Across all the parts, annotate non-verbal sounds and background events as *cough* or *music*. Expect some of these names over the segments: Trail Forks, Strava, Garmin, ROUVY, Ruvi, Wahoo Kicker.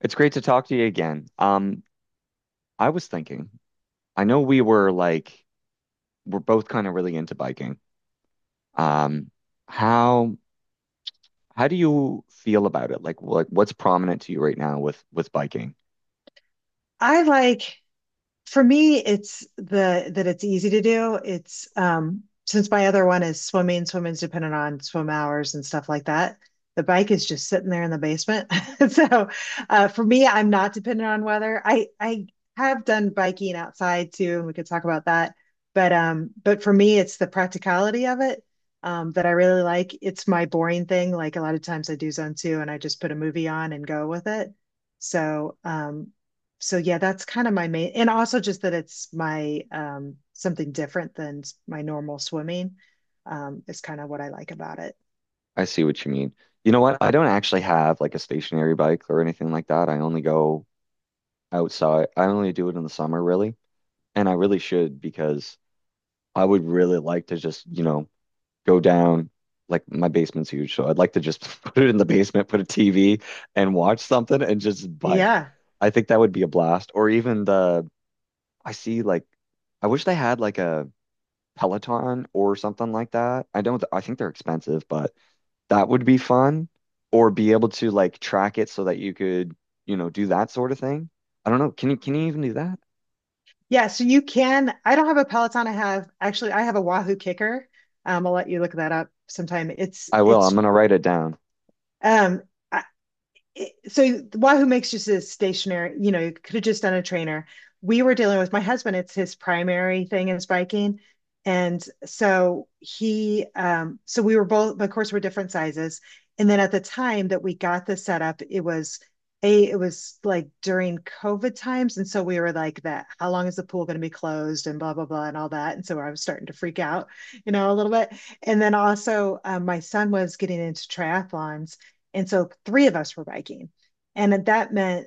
It's great to talk to you again. I was thinking, I know we were like we're both kind of really into biking. Um, how how do you feel about it? Like what's prominent to you right now with biking? I like for me it's the that it's easy to do. It's since my other one is swimming, swimming's dependent on swim hours and stuff like that. The bike is just sitting there in the basement. *laughs* So for me I'm not dependent on weather. I have done biking outside too and we could talk about that. But for me it's the practicality of it that I really like. It's my boring thing. Like a lot of times I do zone two and I just put a movie on and go with it. So, um, so yeah, that's kind of my main, and also just that it's my something different than my normal swimming is kind of what I like about it. I see what you mean. You know what? I don't actually have like a stationary bike or anything like that. I only go outside. I only do it in the summer really. And I really should because I would really like to just, go down. Like my basement's huge, so I'd like to just *laughs* put it in the basement, put a TV and watch something and just bike. Yeah. I think that would be a blast. Or even the, I see, like, I wish they had like a Peloton or something like that. I don't, I think they're expensive, but that would be fun. Or be able to like track it so that you could, do that sort of thing. I don't know. Can you even do that? Yeah, so you can, I don't have a Peloton. I have a Wahoo Kicker. I'll let you look that up sometime. I will. I'm gonna write it down. um I, so Wahoo makes just a stationary, you know, you could have just done a trainer. We were dealing with my husband, it's his primary thing is biking. And so we were both, but of course, we're different sizes. And then at the time that we got the setup, it was it was like during COVID times. And so we were like that, how long is the pool going to be closed and blah, blah, blah, and all that. And so I was starting to freak out, you know, a little bit. And then also, my son was getting into triathlons. And so three of us were biking. And that meant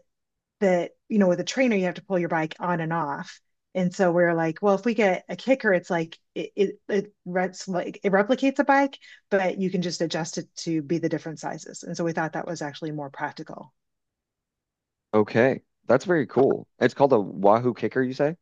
that, you know, with a trainer, you have to pull your bike on and off. And so we are like, well, if we get a kicker, it's like it rets like it replicates a bike, but you can just adjust it to be the different sizes. And so we thought that was actually more practical. Okay. That's very cool. It's called a Wahoo Kicker, you say?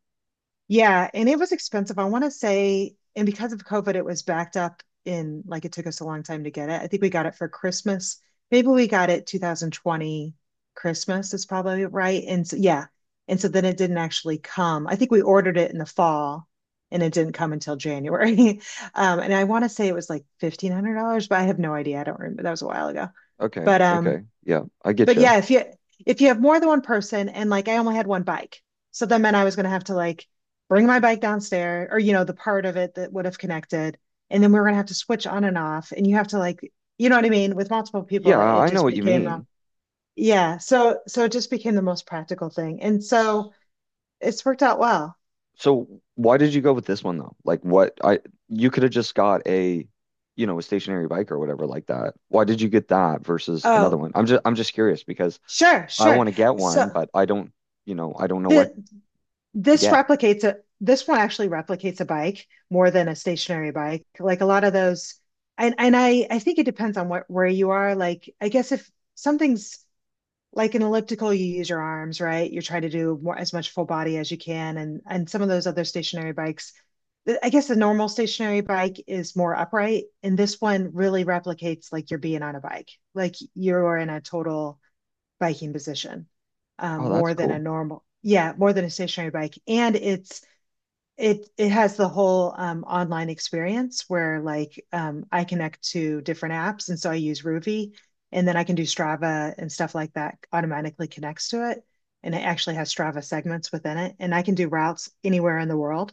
Yeah, and it was expensive. I want to say, and because of COVID, it was backed up in, like, it took us a long time to get it. I think we got it for Christmas. Maybe we got it 2020 Christmas is probably right. And so, yeah. And so then it didn't actually come. I think we ordered it in the fall and it didn't come until January. *laughs* And I want to say it was like $1,500, but I have no idea. I don't remember. That was a while ago. Okay. But um, Okay. Yeah, I get but you. yeah, if you, if you have more than one person and like I only had one bike, so that meant I was gonna have to like bring my bike downstairs or you know, the part of it that would have connected, and then we were gonna have to switch on and off, and you have to like, you know what I mean? With multiple people, Yeah, it I know just what you became a, mean. yeah, so so it just became the most practical thing. And S- so it's worked out well. So why did you go with this one though? Like what I, you could have just got a stationary bike or whatever like that. Why did you get that versus another Oh, one? I'm just curious because sure, I want sure. to get So one, but I don't, I don't know what the to this get. replicates a this one actually replicates a bike more than a stationary bike. Like a lot of those, and I think it depends on what, where you are. Like I guess if something's like an elliptical, you use your arms, right? You're trying to do more, as much full body as you can, and some of those other stationary bikes. I guess a normal stationary bike is more upright, and this one really replicates like you're being on a bike, like you're in a total biking position, Oh, that's more than a cool. normal, yeah, more than a stationary bike. And it has the whole online experience where like I connect to different apps, and so I use Ruvi, and then I can do Strava and stuff like that. Automatically connects to it, and it actually has Strava segments within it, and I can do routes anywhere in the world.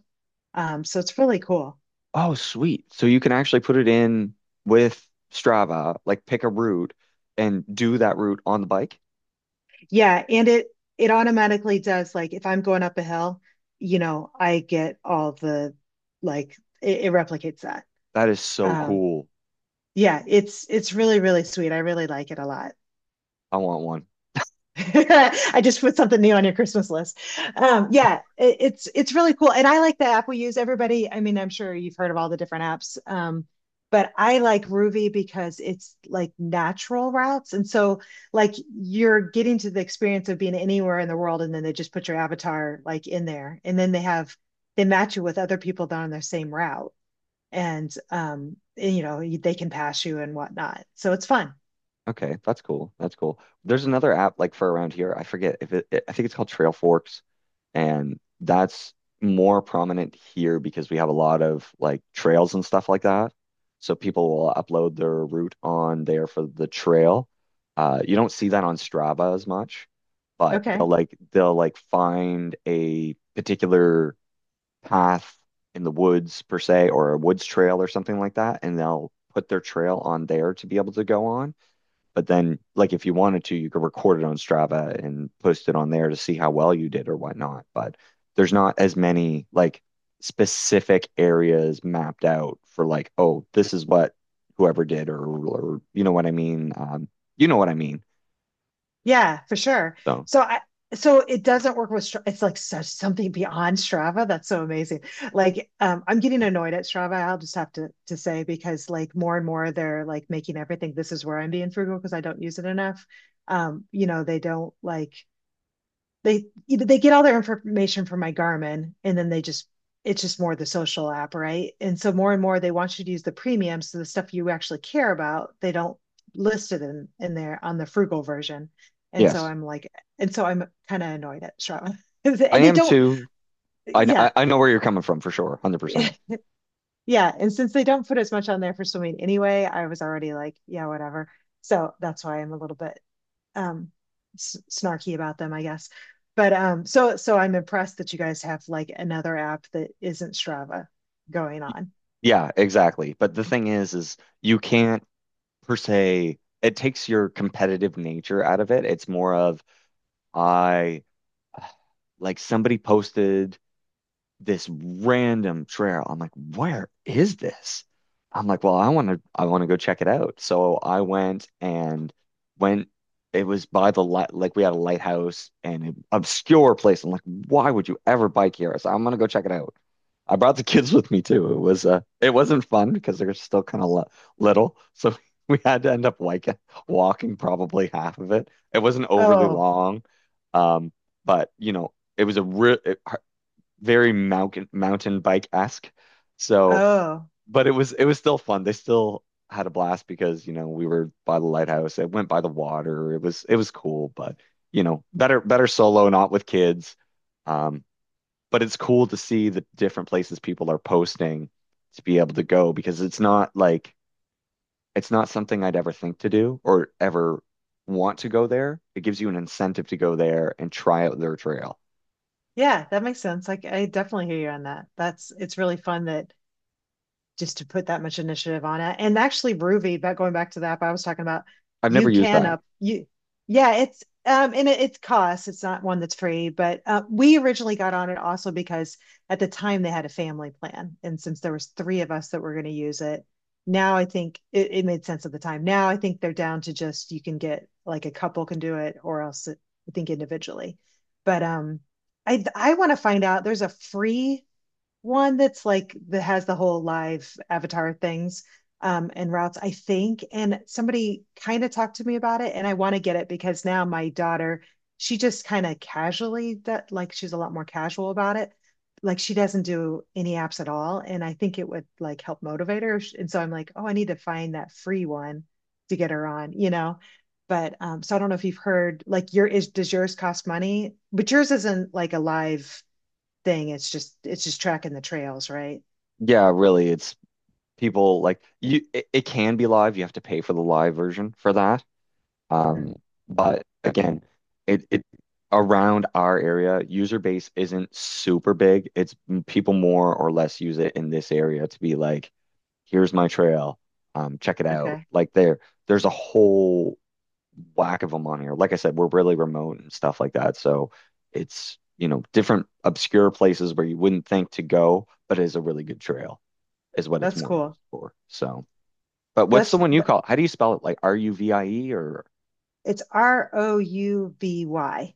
So it's really cool. Oh, sweet. So you can actually put it in with Strava, like pick a route and do that route on the bike. Yeah, and it automatically does, like, if I'm going up a hill, you know, I get all the, like, it replicates that. That is so Um cool. yeah, it's really really sweet. I really like it a lot. I want one. *laughs* I just put something new on your Christmas list. Yeah, it's really cool, and I like the app we use. Everybody, I mean, I'm sure you've heard of all the different apps, but I like Ruvi because it's like natural routes, and so like you're getting to the experience of being anywhere in the world, and then they just put your avatar like in there, and then they have, they match you with other people that are on their same route, and you know they can pass you and whatnot. So it's fun. Okay, that's cool. That's cool. There's another app like for around here. I forget if it, I think it's called Trail Forks, and that's more prominent here because we have a lot of like trails and stuff like that. So people will upload their route on there for the trail. You don't see that on Strava as much, but they'll Okay. like they'll like find a particular path in the woods per se, or a woods trail or something like that, and they'll put their trail on there to be able to go on. But then, like, if you wanted to, you could record it on Strava and post it on there to see how well you did or whatnot. But there's not as many like specific areas mapped out for like, oh, this is what whoever did or you know what I mean. You know what I mean. Yeah, for sure. So So I so it doesn't work with Stra-, it's like such something beyond Strava. That's so amazing. Like I'm getting annoyed at Strava, I'll just have to say because like more and more they're like making everything, this is where I'm being frugal because I don't use it enough. You know, they don't like, they get all their information from my Garmin and then they just, it's just more the social app, right? And so more and more they want you to use the premium. So the stuff you actually care about, they don't list it in there on the frugal version. And so yes, I'm like, and so I'm kind of annoyed at Strava. *laughs* I And they am don't, too. I I yeah. I know where you're coming from for sure, 100%. *laughs* Yeah. And since they don't put as much on there for swimming anyway, I was already like, yeah, whatever. So that's why I'm a little bit um snarky about them, I guess. But I'm impressed that you guys have like another app that isn't Strava going on. Yeah, exactly. But the thing is you can't per se. It takes your competitive nature out of it. It's more of I, like somebody posted this random trail. I'm like, where is this? I'm like, well, I want to go check it out. So I went and went. It was by the light, like, we had a lighthouse and an obscure place. I'm like, why would you ever bike here? So I'm gonna go check it out. I brought the kids with me too. It wasn't fun because they're still kind of li little, so *laughs* we had to end up like walking probably half of it. It wasn't overly Oh, long, um, but, you know, it was a real, very mountain bike-esque. So, oh. but it was still fun. They still had a blast because, you know, we were by the lighthouse. It went by the water. It was cool, but, better solo, not with kids. Um, but it's cool to see the different places people are posting to be able to go because it's not like it's not something I'd ever think to do or ever want to go there. It gives you an incentive to go there and try out their trail. Yeah, that makes sense. Like I definitely hear you on that. That's, it's really fun that, just to put that much initiative on it. And actually, Ruby, but going back to that, but I was talking about, I've never you used can that. up you, yeah, it's and it costs. It's not one that's free, but we originally got on it also because at the time they had a family plan, and since there was three of us that were going to use it, now I think it made sense at the time. Now I think they're down to just you can get like a couple can do it, or else it, I think individually. But I want to find out. There's a free one that's like that has the whole live avatar things and routes I think, and somebody kind of talked to me about it and I want to get it because now my daughter, she just kind of casually that like she's a lot more casual about it, like she doesn't do any apps at all and I think it would like help motivate her, and so I'm like, oh, I need to find that free one to get her on, you know. But so I don't know if you've heard, like, your is, does yours cost money but yours isn't like a live thing. It's just, it's just tracking the trails, right? Yeah, really, it's people like you, it can be live. You have to pay for the live version for that. Mhm. Um, but again, it around our area, user base isn't super big. It's people more or less use it in this area to be like, here's my trail. Check it out. Okay, Like there's a whole whack of them on here. Like I said, we're really remote and stuff like that. So it's different obscure places where you wouldn't think to go, but it is a really good trail, is what it's that's more cool. used for. So, but what's That's the one you call? How do you spell it? Like RUVIE or? it's Rouvy,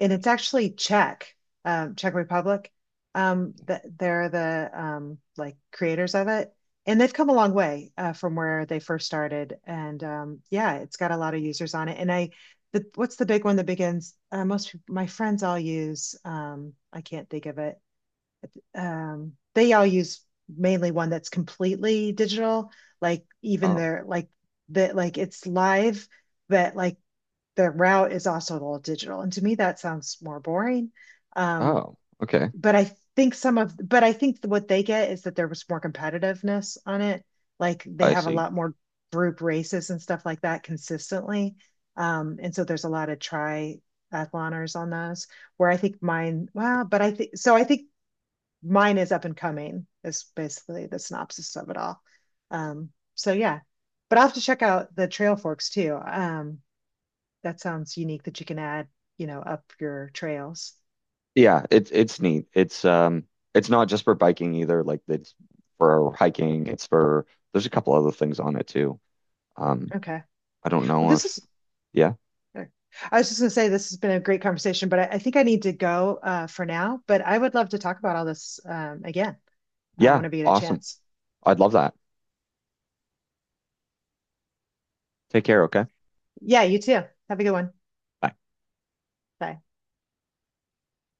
and it's actually Czech, Czech Republic. Th they're the like creators of it, and they've come a long way from where they first started. And yeah, it's got a lot of users on it. And I, the, what's the big one that begins? My friends all use. I can't think of it. They all use mainly one that's completely digital, like even Oh, their like, that like it's live, but like the route is also all digital. And to me, that sounds more boring. Um, oh, okay. but I think some of, but I think what they get is that there was more competitiveness on it. Like they I have a see. lot more group races and stuff like that consistently. And so there's a lot of triathloners on those where I think mine, well, but I think, so I think mine is up and coming is basically the synopsis of it all. So yeah, but I'll have to check out the trail forks too. That sounds unique that you can add, you know, up your trails. Yeah, it's neat. It's not just for biking either. Like it's for hiking. It's for There's a couple other things on it too. Um, Okay. I don't Well, know this if, is, yeah, I was just gonna say this has been a great conversation, but I think I need to go for now. But I would love to talk about all this again yeah, whenever you get a awesome. chance. I'd love that. Take care, okay? Yeah, you too. Have a good one. Bye.